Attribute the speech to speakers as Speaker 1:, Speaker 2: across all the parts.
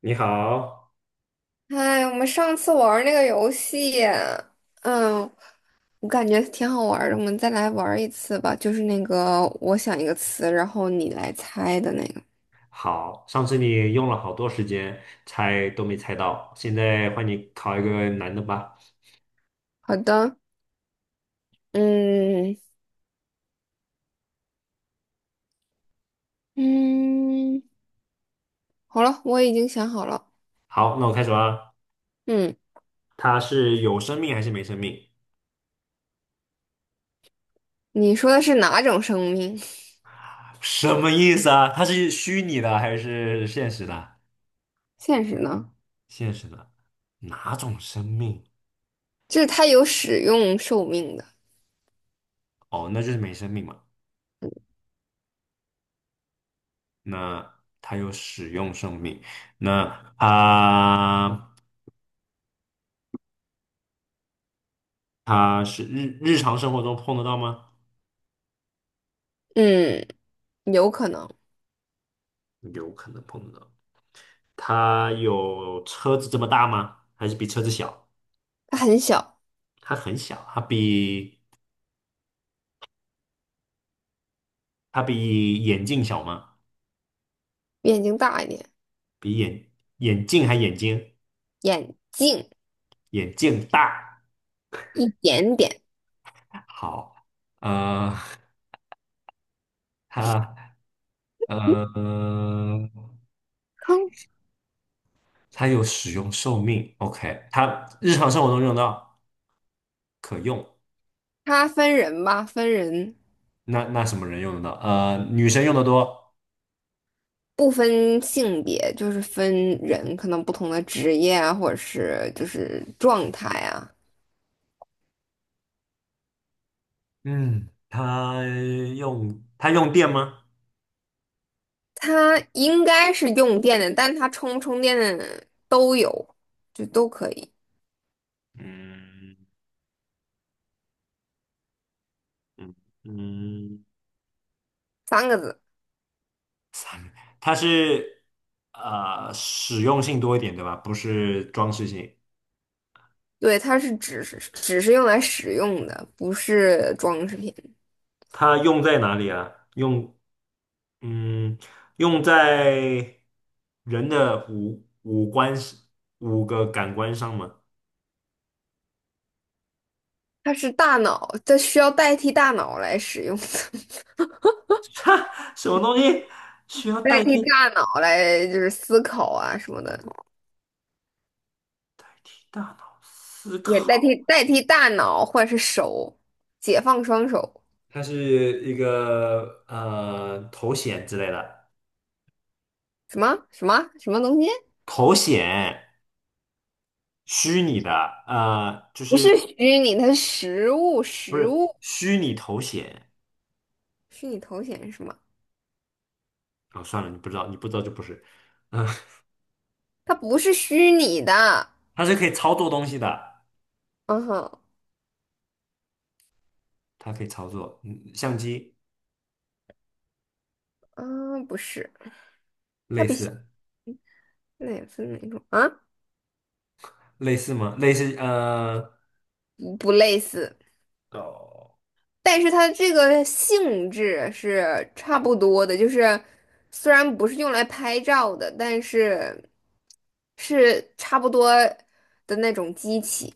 Speaker 1: 你好。
Speaker 2: 哎，我们上次玩儿那个游戏，嗯，我感觉挺好玩儿的，我们再来玩儿一次吧。就是那个我想一个词，然后你来猜的那个。
Speaker 1: 好，上次你用了好多时间猜都没猜到，现在换你考一个难的吧。
Speaker 2: 好的，嗯嗯，好了，我已经想好了。
Speaker 1: 好，那我开始啦。
Speaker 2: 嗯，
Speaker 1: 它是有生命还是没生命？
Speaker 2: 你说的是哪种生命？
Speaker 1: 什么意思啊？它是虚拟的还是现实的？
Speaker 2: 现实呢？
Speaker 1: 现实的，哪种生命？
Speaker 2: 就是它有使用寿命的。
Speaker 1: 哦，那就是没生命嘛。那它有使用生命，那它它是日常生活中碰得到吗？
Speaker 2: 嗯，有可能
Speaker 1: 有可能碰得到。它有车子这么大吗？还是比车子小？
Speaker 2: 它很小，
Speaker 1: 它很小，它比眼镜小吗？
Speaker 2: 比眼睛大一点，
Speaker 1: 比眼眼镜还眼睛？
Speaker 2: 眼镜
Speaker 1: 眼镜大。
Speaker 2: 一点点。
Speaker 1: 好，呃，它 呃
Speaker 2: 嗯，
Speaker 1: 它有使用寿命，OK，它日常生活中用得到，可用。
Speaker 2: 它分人吧，分人。
Speaker 1: 那什么人用得到？女生用的多。
Speaker 2: 不分性别，就是分人，可能不同的职业啊，或者是就是状态啊。
Speaker 1: 嗯，它用电吗？
Speaker 2: 它应该是用电的，但它充不充电的都有，就都可以。
Speaker 1: 嗯嗯嗯。
Speaker 2: 三个字，
Speaker 1: 它是实用性多一点，对吧？不是装饰性。
Speaker 2: 对，它是只是用来使用的，不是装饰品。
Speaker 1: 它用在哪里啊？嗯，用在人的五个感官上吗？
Speaker 2: 它是大脑，它需要代替大脑来使用，
Speaker 1: 哈，什么东西需要
Speaker 2: 代
Speaker 1: 代
Speaker 2: 替
Speaker 1: 替代
Speaker 2: 大脑来就是思考啊什么的，
Speaker 1: 替大脑思
Speaker 2: 也代替
Speaker 1: 考？
Speaker 2: 代替大脑或者是手，解放双手。
Speaker 1: 它是一个头显之类的，
Speaker 2: 什么东西？
Speaker 1: 头显虚拟的，就
Speaker 2: 不是虚拟它是实物，
Speaker 1: 不
Speaker 2: 实
Speaker 1: 是
Speaker 2: 物
Speaker 1: 虚拟头显。
Speaker 2: 虚拟头显是什么？
Speaker 1: 哦，算了，你不知道，你不知道就不是。嗯，
Speaker 2: 它不是虚拟的。
Speaker 1: 它是可以操作东西的，
Speaker 2: 嗯哼，
Speaker 1: 它可以操作，嗯，相机
Speaker 2: 啊，不是，它
Speaker 1: 类似
Speaker 2: 也似哪种啊？
Speaker 1: 类似吗？类似
Speaker 2: 不不类似，
Speaker 1: 哦，
Speaker 2: 但是它这个性质是差不多的，就是虽然不是用来拍照的，但是是差不多的那种机器，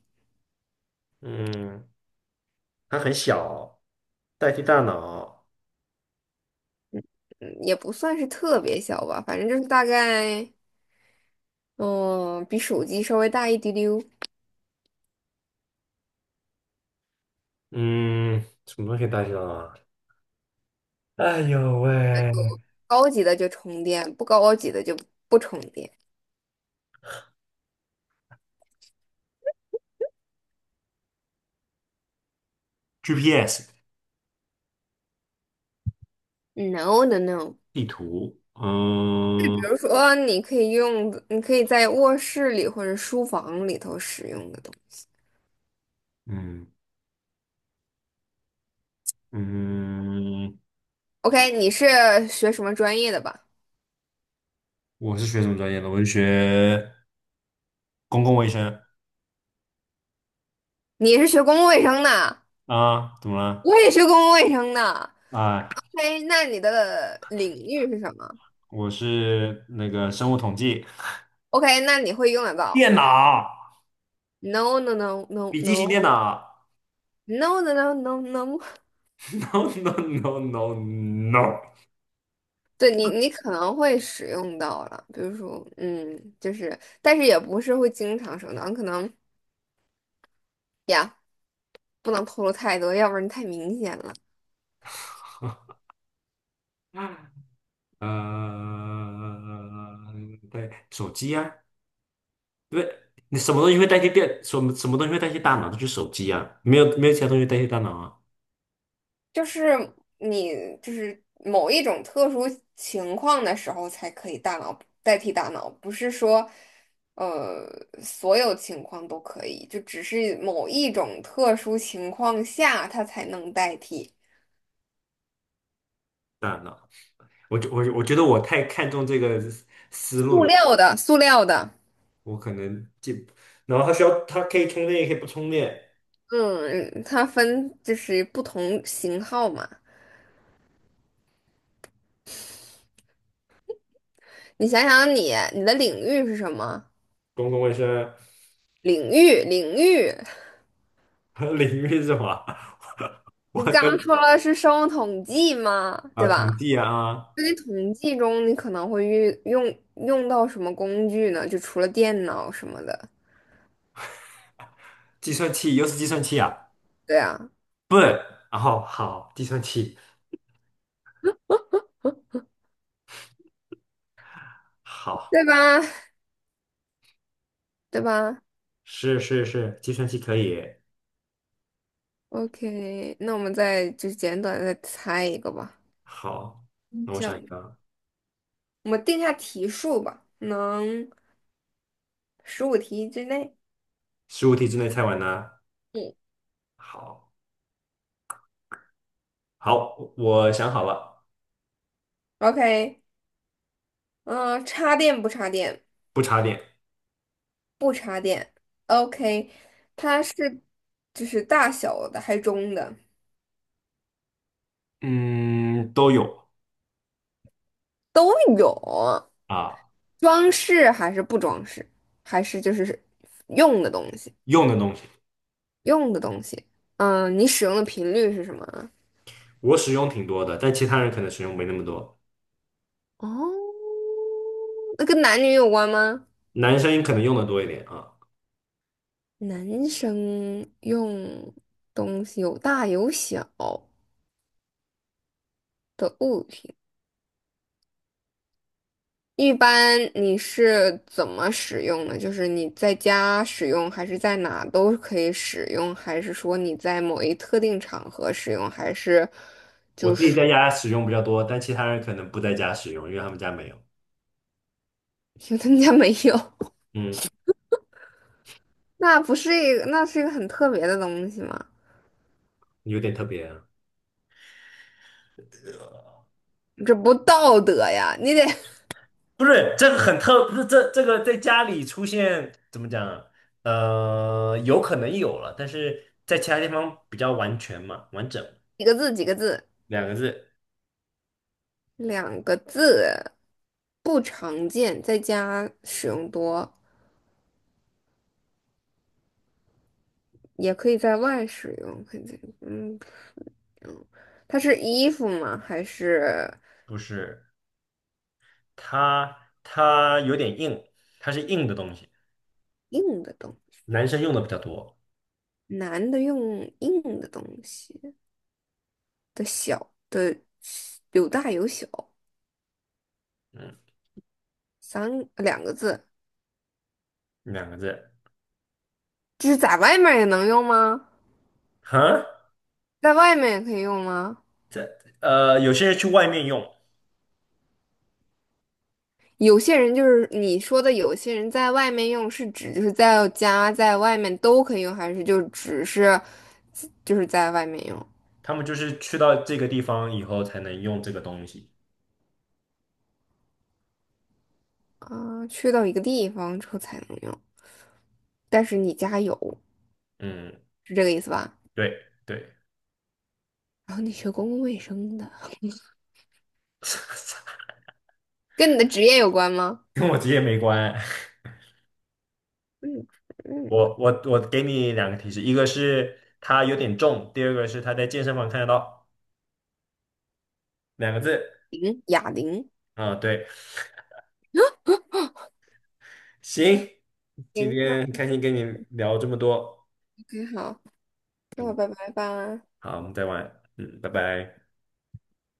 Speaker 1: 嗯，它很小，代替大脑。
Speaker 2: 嗯，也不算是特别小吧，反正就是大概。嗯，比手机稍微大一丢丢，
Speaker 1: 嗯，什么东西可以代替大脑啊？哎呦喂，
Speaker 2: 高级的就充电，不高级的就不充电。
Speaker 1: GPS
Speaker 2: No no no，
Speaker 1: 地图，
Speaker 2: 就比
Speaker 1: 嗯
Speaker 2: 如说你可以用，你可以在卧室里或者书房里头使用的东西。
Speaker 1: 嗯嗯，
Speaker 2: OK，你是学什么专业的吧？
Speaker 1: 我是学什么专业的？我是学公共卫生。
Speaker 2: 你是学公共卫生的，
Speaker 1: 啊，怎么了？
Speaker 2: 我也学公共卫生的。
Speaker 1: 哎。
Speaker 2: 哎，那你的领域是什么
Speaker 1: 我是那个生物统计，
Speaker 2: ？OK，那你会用得到。
Speaker 1: 电脑，
Speaker 2: No no no no
Speaker 1: 笔记
Speaker 2: no
Speaker 1: 型电脑。
Speaker 2: no no no no no no。
Speaker 1: No no no no no。
Speaker 2: 对你，你可能会使用到了，比如说，嗯，就是，但是也不是会经常使用到，可能呀，不能透露太多，要不然太明显了。
Speaker 1: 呃，对，手机啊，对，你什么东西会代替电？什么东西会代替大脑？就是手机啊，没有其他东西代替大脑啊。
Speaker 2: 就是你，就是某一种特殊情况的时候才可以大脑代替大脑，不是说，呃，所有情况都可以，就只是某一种特殊情况下它才能代替。
Speaker 1: 大脑，我觉得我太看重这个思路
Speaker 2: 塑
Speaker 1: 了，
Speaker 2: 料的，塑料的，
Speaker 1: 我可能记。然后它需要，它可以充电，也可以不充电。
Speaker 2: 嗯，它分就是不同型号嘛。你想想你的领域是什么？
Speaker 1: 公共卫生。
Speaker 2: 领域，领域，
Speaker 1: 领域是什么？
Speaker 2: 你不
Speaker 1: 我
Speaker 2: 刚说了是生物统计吗？
Speaker 1: 啊，
Speaker 2: 对
Speaker 1: 统
Speaker 2: 吧？
Speaker 1: 计啊，
Speaker 2: 在统计中，你可能会用到什么工具呢？就除了电脑什么的，
Speaker 1: 计算器又是计算器啊，
Speaker 2: 对啊，
Speaker 1: 笨，然后好，计算器好，
Speaker 2: 对吧？对吧
Speaker 1: 是是是，计算器可以，
Speaker 2: ？OK，那我们再就简短地再猜一个吧，
Speaker 1: 好，
Speaker 2: 嗯
Speaker 1: 那我
Speaker 2: 这
Speaker 1: 想
Speaker 2: 样一个，
Speaker 1: 想，
Speaker 2: 我们定下题数吧，能15题之内。
Speaker 1: 15题之内猜完呢，
Speaker 2: 嗯
Speaker 1: 好，好，我想好了，
Speaker 2: ，OK，嗯、插电不插电？
Speaker 1: 不插电，
Speaker 2: 不插电 o k 它是就是大小的还是中的
Speaker 1: 嗯，都有
Speaker 2: 都有，
Speaker 1: 啊，
Speaker 2: 装饰还是不装饰，还是就是用的东西，
Speaker 1: 用的东西，
Speaker 2: 用的东西。嗯，你使用的频率是什么啊？
Speaker 1: 我使用挺多的，但其他人可能使用没那么多，
Speaker 2: 哦，那跟男女有关吗？
Speaker 1: 男生可能用的多一点啊，
Speaker 2: 男生用东西有大有小的物品。一般你是怎么使用呢？就是你在家使用，还是在哪都可以使用，还是说你在某一特定场合使用，还是
Speaker 1: 我
Speaker 2: 就
Speaker 1: 自己
Speaker 2: 是
Speaker 1: 在家使用比较多，但其他人可能不在家使用，因为他们家没有，
Speaker 2: 因为他们家没有？
Speaker 1: 嗯，
Speaker 2: 那不是一个，那是一个很特别的东西吗？
Speaker 1: 有点特别。
Speaker 2: 这不道德呀！你得
Speaker 1: 不是这个很特，不是这个在家里出现怎么讲啊？有可能有了，但是在其他地方比较完全嘛，完整
Speaker 2: 几个字，几个字，
Speaker 1: 两个字，
Speaker 2: 两个字，不常见，在家使用多，也可以在外使用，肯定，嗯，它是衣服吗？还是
Speaker 1: 不是它有点硬，它是硬的东西，
Speaker 2: 硬的东西？
Speaker 1: 男生用的比较多，
Speaker 2: 男的用硬的东西的小的有大有小，
Speaker 1: 嗯，
Speaker 2: 三两个字，
Speaker 1: 两个字，
Speaker 2: 就是在外面也能用吗？
Speaker 1: 哈，
Speaker 2: 在外面也可以用吗？
Speaker 1: 这有些人去外面用，
Speaker 2: 有些人就是你说的，有些人在外面用是指就是在家在外面都可以用，还是就只是就是在外面用
Speaker 1: 他们就是去到这个地方以后才能用这个东西，
Speaker 2: 啊？去到一个地方之后才能用，但是你家有，
Speaker 1: 嗯，
Speaker 2: 是这个意思吧？
Speaker 1: 对对，
Speaker 2: 然后你学公共卫生的，跟你的职业有关吗？
Speaker 1: 跟我职业没关，
Speaker 2: 嗯嗯。
Speaker 1: 我给你两个提示，一个是它有点重，第二个是它在健身房看得到，两个字。
Speaker 2: 零，哑铃。
Speaker 1: 啊，对，行，今
Speaker 2: 行，那
Speaker 1: 天很开心跟你聊这么多。
Speaker 2: OK，好，那我
Speaker 1: 嗯，
Speaker 2: 拜拜吧。
Speaker 1: 好，我们再玩。嗯，拜拜。